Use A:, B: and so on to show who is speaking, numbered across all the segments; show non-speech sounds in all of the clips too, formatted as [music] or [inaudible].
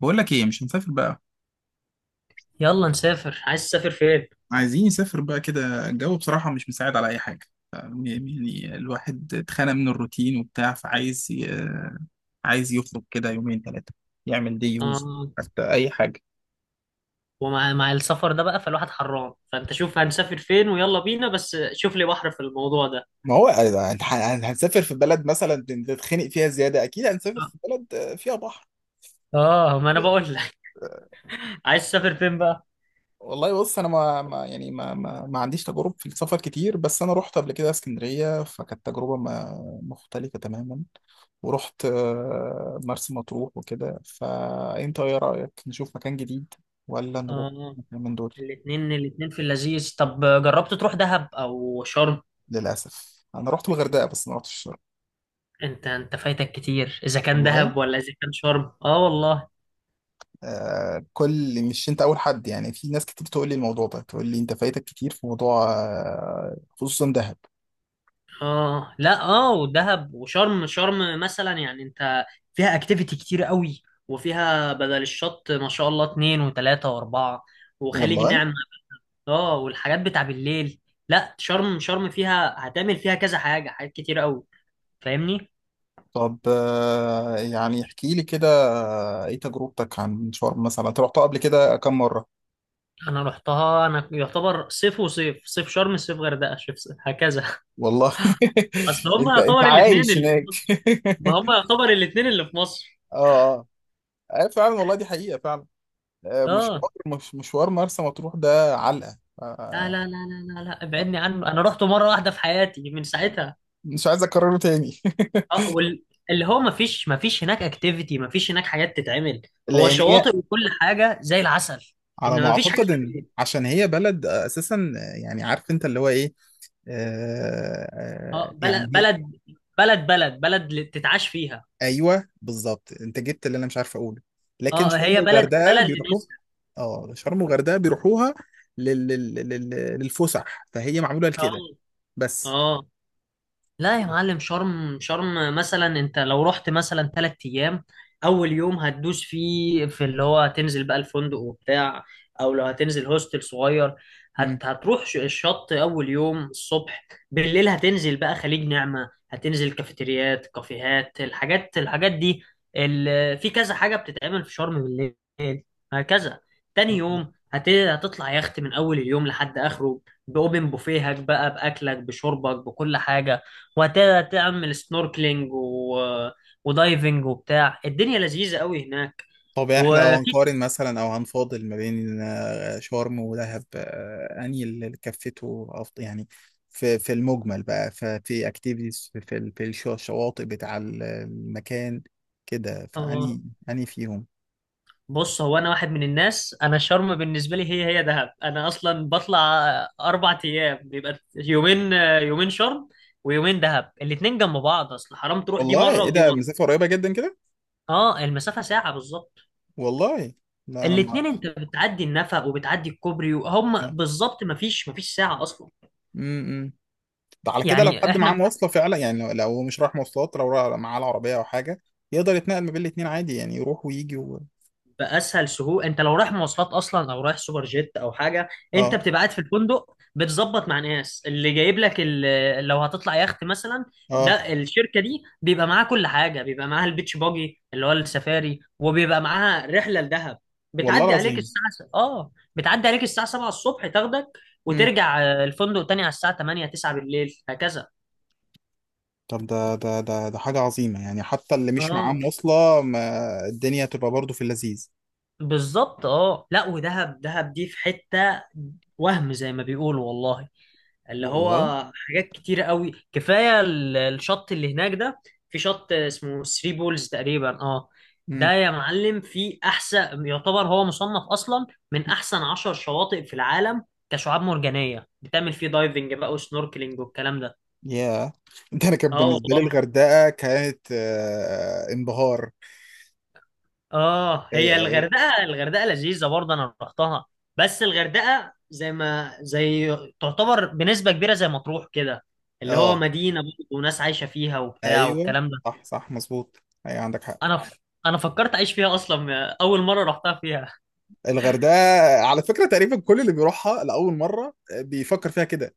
A: بقول لك ايه؟ مش هنسافر بقى.
B: يلا نسافر. عايز تسافر فين؟
A: عايزين نسافر بقى كده، الجو بصراحة مش مساعد على اي حاجة. ف- يعني الواحد اتخانق من الروتين وبتاع، فعايز عايز يخرج كده يومين ثلاثة، يعمل دي يوز،
B: آه.
A: حتى اي حاجة.
B: ومع السفر ده بقى، فالواحد حران، فانت شوف هنسافر فين ويلا بينا، بس شوف لي بحر في الموضوع ده.
A: ما هو هنسافر في بلد مثلا تتخنق فيها زيادة، أكيد هنسافر في بلد فيها بحر.
B: اه، ما انا بقول لك. [laughs] عايز تسافر فين بقى؟
A: والله بص، انا ما, ما يعني ما, ما ما عنديش تجارب في السفر كتير، بس انا رحت قبل كده اسكندريه، فكانت تجربه ما مختلفه تماما. ورحت مرسى مطروح وكده، فانت ايه رايك؟ نشوف مكان جديد ولا نروح
B: آه.
A: مكان من دول؟
B: الاتنين الاتنين في اللذيذ. طب جربت تروح دهب او شرم؟
A: للاسف انا رحت الغردقه بس ما رحتش الشرق.
B: انت فايتك كتير، اذا كان
A: والله.
B: دهب ولا اذا كان شرم. اه والله.
A: آه، كل مش انت اول حد، يعني في ناس كتير تقول لي الموضوع ده، تقول لي انت فايتك كتير في موضوع، آه، خصوصا دهب.
B: اه، لا، اه، ودهب وشرم، شرم مثلا يعني انت فيها اكتيفيتي كتير قوي. وفيها بدل الشط ما شاء الله اتنين وتلاتة واربعة، وخليج
A: والله.
B: نعمة. اه، والحاجات بتاع بالليل. لا شرم، شرم فيها هتعمل فيها كذا حاجة، حاجات كتير قوي، فاهمني.
A: طب، يعني احكي لي كده، ايه تجربتك عن شرم مثلا؟ انت رحتها قبل كده كم مرة؟
B: انا رحتها، انا يعتبر صيف وصيف صيف شرم، صيف غردقة، هكذا.
A: والله.
B: [laughs] اصل
A: [laughs]
B: هما
A: انت
B: يعتبر
A: انت
B: الاتنين
A: عايش
B: اللي في
A: هناك؟ [laughs]
B: مصر. ما هما يعتبر الاتنين اللي في مصر.
A: اه، اه، فعلا والله دي حقيقة فعلا.
B: اه.
A: مشوار، مش مشوار مرسى مطروح ده علقة.
B: لا لا لا لا لا لا، ابعدني عنه. انا رحت مره واحده في حياتي من
A: آه،
B: ساعتها.
A: مش عايز اكرره تاني.
B: اه.
A: [laughs]
B: اللي هو ما فيش هناك اكتيفيتي. ما فيش هناك حاجات تتعمل. هو
A: لان هي
B: شواطئ، وكل حاجه زي العسل. ان
A: على ما
B: ما فيش حاجه
A: اعتقد ان
B: بالليل.
A: عشان هي بلد اساسا، يعني عارف انت اللي هو ايه.
B: اه، بلد
A: يعني
B: بلد، بلد بلد بلد تتعاش فيها.
A: ايوه بالظبط، انت جبت اللي انا مش عارف اقوله. لكن
B: اه،
A: شرم
B: هي بلد
A: والغردقه
B: بلد
A: بيروحوا.
B: لناسها.
A: اه، شرم والغردقه بيروحوها لل... لل... لل... للفسح، فهي معموله
B: اه.
A: لكده بس.
B: اه. لا يا معلم، شرم، شرم مثلا انت لو رحت مثلا 3 ايام، اول يوم هتدوس فيه في اللي هو هتنزل بقى الفندق وبتاع، او لو هتنزل هوستل صغير،
A: مم.
B: هتروح الشط اول يوم الصبح. بالليل هتنزل بقى خليج نعمة، هتنزل كافيتريات، كافيهات، الحاجات دي. في كذا حاجة بتتعمل في شرم بالليل، هكذا. تاني
A: والله.
B: يوم هتطلع يخت من اول اليوم لحد اخره. باوبن بوفيهك بقى، باكلك، بشربك، بكل حاجة. وتعمل سنوركلينج ودايفنج وبتاع. الدنيا لذيذة قوي هناك.
A: طب احنا لو
B: وفي.
A: هنقارن مثلا او هنفاضل ما بين شرم ودهب، انهي اللي كفته أفضل يعني في المجمل بقى؟ ففي اكتيفيتيز، في الشواطئ بتاع المكان كده،
B: اه،
A: فاني فيهم.
B: بص، هو انا واحد من الناس، انا شرم بالنسبة لي هي دهب. انا اصلا بطلع 4 ايام، بيبقى يومين، يومين شرم ويومين دهب. الاتنين جنب بعض، اصل حرام تروح دي
A: والله
B: مرة
A: ايه،
B: ودي
A: ده
B: مرة.
A: مسافه قريبه جدا كده.
B: اه، المسافة ساعة بالظبط.
A: والله، لا انا ما
B: الاتنين
A: اعرفش.
B: انت بتعدي النفق وبتعدي الكوبري، وهم
A: آه.
B: بالظبط مفيش ساعة اصلا.
A: امم. ده على كده لو
B: يعني
A: حد
B: احنا
A: معاه مواصله فعلا، يعني لو هو مش رايح مواصلات، لو معاه العربيه او حاجه، يقدر يتنقل ما بين الاتنين عادي، يعني يروح ويجي
B: باسهل سهول. انت لو رايح مواصلات اصلا او رايح سوبر جيت او حاجه، انت
A: اه،
B: بتبقى قاعد في الفندق بتظبط مع ناس اللي جايب لك لو هتطلع يخت مثلا.
A: اه،
B: ده الشركه دي بيبقى معاها كل حاجه، بيبقى معاها البيتش باجي اللي هو السفاري، وبيبقى معاها رحله لدهب.
A: والله
B: بتعدي عليك
A: العظيم.
B: الساعه بتعدي عليك الساعه 7 الصبح تاخدك،
A: امم.
B: وترجع الفندق تاني على الساعه 8 9 بالليل، هكذا.
A: طب ده حاجه عظيمه، يعني حتى اللي مش معاه
B: اه
A: مواصله ما الدنيا تبقى برضه في اللذيذ.
B: بالظبط. اه، لا، ودهب، دهب دي في حته. وهم زي ما بيقولوا والله، اللي هو
A: والله.
B: حاجات كتيرة قوي. كفاية الشط اللي هناك ده. في شط اسمه ثري بولز تقريبا، اه. ده
A: امم.
B: يا معلم في أحسن يعتبر، هو مصنف أصلا من أحسن 10 شواطئ في العالم، كشعاب مرجانية، بتعمل فيه دايفنج بقى وسنوركلينج والكلام ده.
A: ياه. [laughs] ده انا كان
B: اه
A: بالنسبه لي
B: والله.
A: الغردقه كانت انبهار.
B: اه، هي
A: اه،
B: الغردقة، الغردقة لذيذة برضه، أنا رحتها. بس الغردقة زي ما زي تعتبر بنسبة كبيرة زي مطروح كده، اللي
A: آه،
B: هو
A: آه.
B: مدينة برضه وناس عايشة فيها وبتاع
A: ايوه،
B: والكلام ده.
A: صح صح مظبوط، ايوه عندك حق.
B: انا ف... انا فكرت اعيش فيها اصلا اول مره رحتها فيها.
A: الغردقة على فكرة تقريبا كل اللي بيروحها لأول مرة بيفكر فيها كده،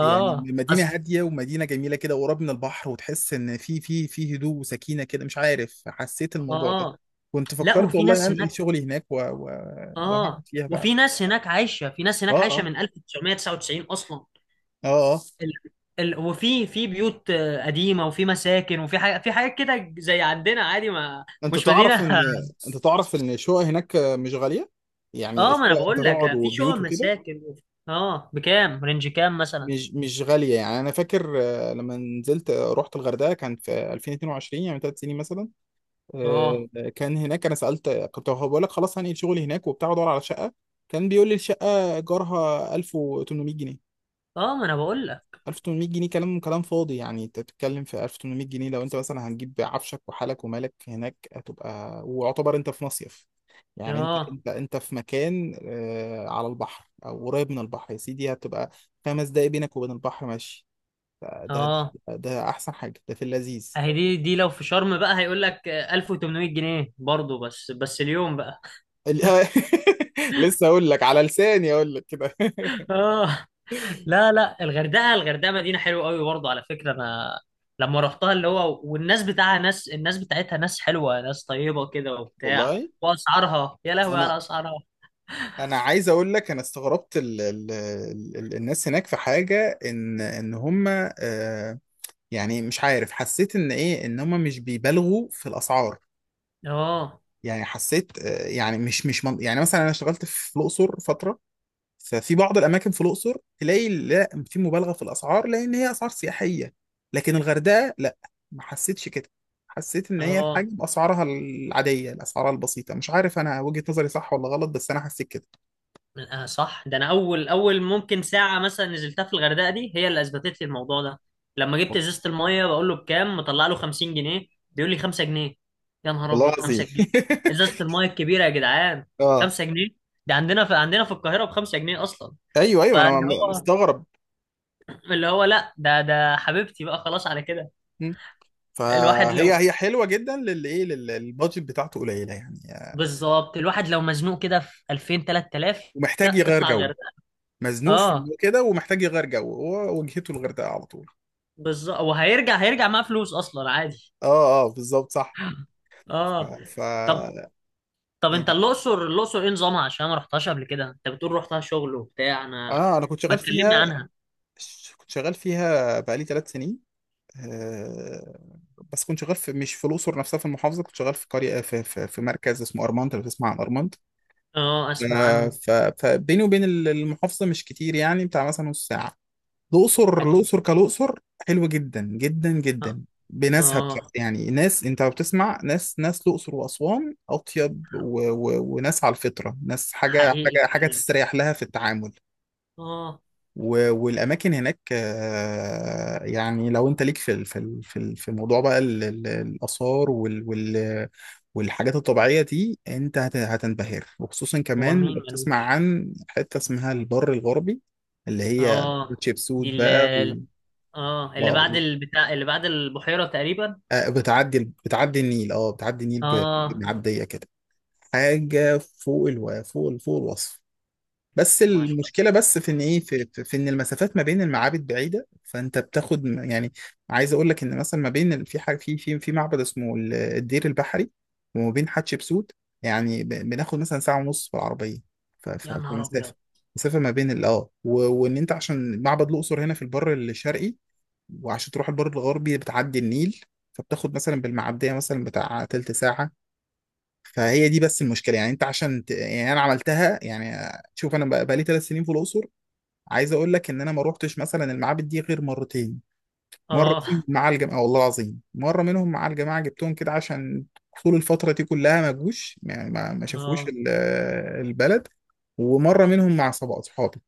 A: يعني مدينة
B: اصل.
A: هادية ومدينة جميلة كده وقريب من البحر، وتحس إن في هدوء وسكينة كده، مش عارف حسيت
B: اه.
A: الموضوع ده.
B: آه.
A: كنت
B: لا،
A: فكرت
B: وفي
A: والله إن
B: ناس
A: أنقل
B: هناك.
A: شغلي هناك وهعمل
B: اه،
A: فيها بقى.
B: وفي ناس هناك عايشه، في ناس
A: آه،
B: هناك عايشه
A: آه،
B: من 1999 اصلا.
A: آه، آه.
B: ال... وفي بيوت قديمه، وفي مساكن، وفي حاجه، في حاجات كده زي عندنا عادي، ما
A: أنت
B: مش
A: تعرف
B: مدينه.
A: إن
B: [laughs]
A: أنت تعرف إن الشقق هناك مش غالية، يعني
B: اه، ما انا
A: الشقق أنت
B: بقول لك،
A: تقعد
B: في شقق،
A: وبيوت وكده
B: مساكن. اه، بكام؟ رينج كام مثلا؟
A: مش غالية. يعني أنا فاكر، لما نزلت، رحت الغردقة كان في 2022، يعني 3 سنين مثلا.
B: اه
A: كان هناك انا سالت، كنت بقول لك خلاص هنقل شغلي هناك وبتاع، وادور على شقه، كان بيقول لي الشقه ايجارها 1800 جنيه.
B: اه، ما انا بقول لك.
A: 1800 جنيه، كلام فاضي، يعني انت بتتكلم في 1800 جنيه؟ لو انت مثلا هنجيب عفشك وحالك ومالك هناك، هتبقى ويعتبر انت في مصيف. يعني انت
B: اه
A: انت انت في مكان، على البحر او قريب من البحر، يا سيدي، هتبقى 5 دقايق بينك وبين البحر ماشي. ده ده
B: اه.
A: ده احسن حاجه، ده في اللذيذ.
B: اهي دي، دي لو في شرم بقى هيقول لك 1800 جنيه برضه، بس بس اليوم بقى.
A: ال- [laughs] لسه اقول لك، على لساني اقول لك كده. [laughs]
B: [laughs] اه لا، لا، الغردقه، الغردقه مدينه حلوه قوي برضه، على فكره، انا لما رحتها اللي هو، والناس بتاعها ناس، الناس بتاعتها ناس حلوه ناس طيبه كده وبتاع.
A: والله.
B: واسعارها، يا لهوي على
A: انا
B: اسعارها.
A: انا عايز اقول لك، انا استغربت ال ال ال الناس هناك، في حاجه ان هم، آه يعني مش عارف حسيت ان ايه، ان هم مش بيبالغوا في الاسعار.
B: اه
A: يعني حسيت يعني مش مش من يعني مثلا انا اشتغلت في الاقصر فتره، ففي بعض الاماكن في الاقصر تلاقي لا، في مبالغه في الاسعار لان هي اسعار سياحيه. لكن الغردقه لا، ما حسيتش كده. حسيت ان هي
B: اه،
A: الحاجه باسعارها العاديه، الاسعار البسيطه، مش عارف انا وجهه نظري صح ولا غلط، بس انا حسيت كده.
B: صح. ده انا اول، اول ممكن ساعه مثلا نزلتها في الغردقه دي هي اللي اثبتت لي الموضوع ده. لما جبت ازازه الميه، بقول له بكام؟ مطلع له 50 جنيه، بيقول لي 5 جنيه. يا نهار
A: والله
B: ابيض، 5
A: العظيم.
B: جنيه ازازه الميه الكبيره يا جدعان،
A: [laughs] اه،
B: 5 جنيه! ده عندنا في القاهره ب 5 جنيه اصلا.
A: ايوه ايوه انا
B: فاللي هو
A: مستغرب.
B: اللي هو لا، ده ده حبيبتي بقى، خلاص على كده.
A: م.
B: الواحد
A: فهي
B: لو،
A: حلوه جدا للي ايه، البادجت بتاعته قليله يعني.
B: بالظبط الواحد لو مزنوق كده في 2000 3000،
A: ومحتاج
B: لا
A: يغير
B: اطلع
A: جو،
B: الغردقه.
A: مزنوق في إنه
B: اه
A: كده ومحتاج يغير جو، هو وجهته الغردقه على طول.
B: بالظبط، وهيرجع معاه فلوس اصلا عادي.
A: اه، اه بالظبط صح. ف,
B: اه،
A: ف...
B: طب طب
A: يعني
B: انت الاقصر، الاقصر ايه نظامها؟ عشان ما رحتهاش قبل كده، انت بتقول رحتها شغل وبتاع. انا
A: انا كنت
B: ما
A: شغال
B: تكلمنا
A: فيها،
B: عنها.
A: كنت شغال فيها بقالي 3 سنين. آه، بس كنت شغال في، مش في الاقصر نفسها، في المحافظه، كنت شغال في قريه في مركز اسمه ارمنت، لو تسمع عن ارمنت.
B: اه، اسمع عنه.
A: فبيني وبين المحافظة مش كتير، يعني بتاع مثلا نص ساعة. الأقصر،
B: اكيد.
A: الأقصر كالأقصر، حلوة جدا جدا
B: اه
A: جدا بناسها بصراحة.
B: اه،
A: يعني ناس، أنت بتسمع ناس، ناس الأقصر وأسوان أطيب وناس على الفطرة، ناس حاجة
B: حقيقي فعلا.
A: حاجة حاجة تستريح لها في التعامل.
B: اه.
A: والاماكن هناك، يعني لو انت ليك في في موضوع بقى الاثار وال وال والحاجات الطبيعيه دي، انت هتنبهر، وخصوصا
B: هو
A: كمان
B: مين
A: بتسمع
B: ملوش؟
A: عن حته اسمها البر الغربي، اللي هي
B: اه.
A: تشيبسوت
B: دي اللي،
A: بقى
B: اه، اللي
A: آه،
B: بعد البتاع، اللي بعد البحيرة تقريبا.
A: بتعدي، بتعدي النيل، اه بتعدي النيل
B: اه
A: بمعديه كده، حاجه فوق فوق الوصف. بس
B: ما شاء
A: المشكله
B: الله.
A: بس في ان ايه، في ان المسافات ما بين المعابد بعيده، فانت بتاخد يعني عايز اقول لك ان مثلا ما بين في حاجه في معبد اسمه الدير البحري، وما بين حتشبسوت، يعني بناخد مثلا ساعه ونص بالعربيه.
B: يا
A: في
B: نهار
A: مسافه،
B: ابيض.
A: مسافه ما بين اه وان انت عشان معبد الاقصر هنا في البر الشرقي، وعشان تروح البر الغربي بتعدي النيل، فبتاخد مثلا بالمعديه مثلا بتاع تلت ساعه. فهي دي بس المشكله، يعني انت عشان يعني انا عملتها، يعني شوف، انا بقى لي 3 سنين في الاقصر، عايز اقول لك ان انا ما روحتش مثلا المعابد دي غير مرتين. مره
B: اه
A: فيهم مع الجماعه، والله العظيم مره منهم مع الجماعه جبتهم كده عشان طول الفتره دي كلها ما جوش، يعني ما شافوش
B: اه
A: البلد. ومره منهم مع اصحابي.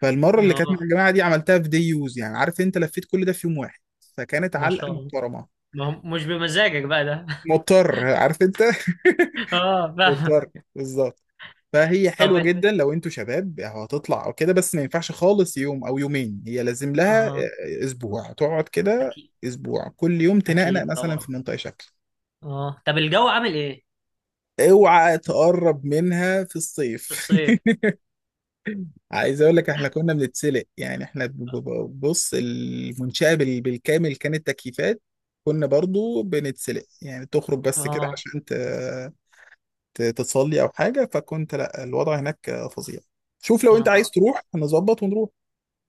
A: فالمره اللي كانت مع
B: اه،
A: الجماعه دي عملتها في دي يوز، يعني عارف انت لفيت كل ده في يوم واحد، فكانت
B: ما
A: علقه
B: شاء الله.
A: محترمه.
B: ما هو مش بمزاجك بقى ده.
A: مضطر عارف انت.
B: [laughs] اه،
A: [laughs]
B: فاهم.
A: مضطر بالظبط. فهي
B: طب
A: حلوة
B: ال...
A: جدا لو انتوا شباب، هتطلع او كده، بس ما ينفعش خالص يوم او يومين، هي لازم لها
B: اه
A: اسبوع تقعد كده،
B: اكيد،
A: اسبوع كل يوم تنقنق
B: اكيد
A: مثلا
B: طبعا.
A: في منطقة شكل.
B: اه، طب الجو عامل ايه؟
A: اوعى تقرب منها في
B: في
A: الصيف.
B: الصيف.
A: [laughs] عايز اقول لك، احنا كنا بنتسلق، يعني احنا بص، المنشأة بالكامل كانت تكييفات، كنا برضو بنتسلق، يعني تخرج بس كده
B: اه
A: عشان تصلي او حاجة، فكنت لا، الوضع هناك فظيع. شوف لو
B: يا
A: انت عايز
B: نهار.
A: تروح هنظبط ونروح.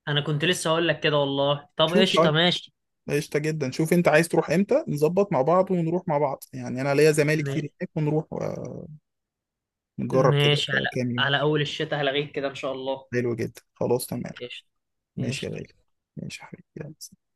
B: انا كنت لسه هقول لك كده والله. طب
A: شوف لو
B: قشطه،
A: انت
B: ماشي.
A: قشطة جدا، شوف انت عايز تروح امتى، نظبط مع بعض ونروح مع بعض، يعني انا ليا زمايلي
B: م...
A: كتير هناك، ونروح ونجرب كده
B: ماشي، على
A: كام يوم.
B: اول الشتاء هلغيك كده ان شاء الله.
A: حلو جدا، خلاص تمام.
B: قشطه.
A: ماشي يا
B: قشطه.
A: غالي. ماشي يا حبيبي، يلا.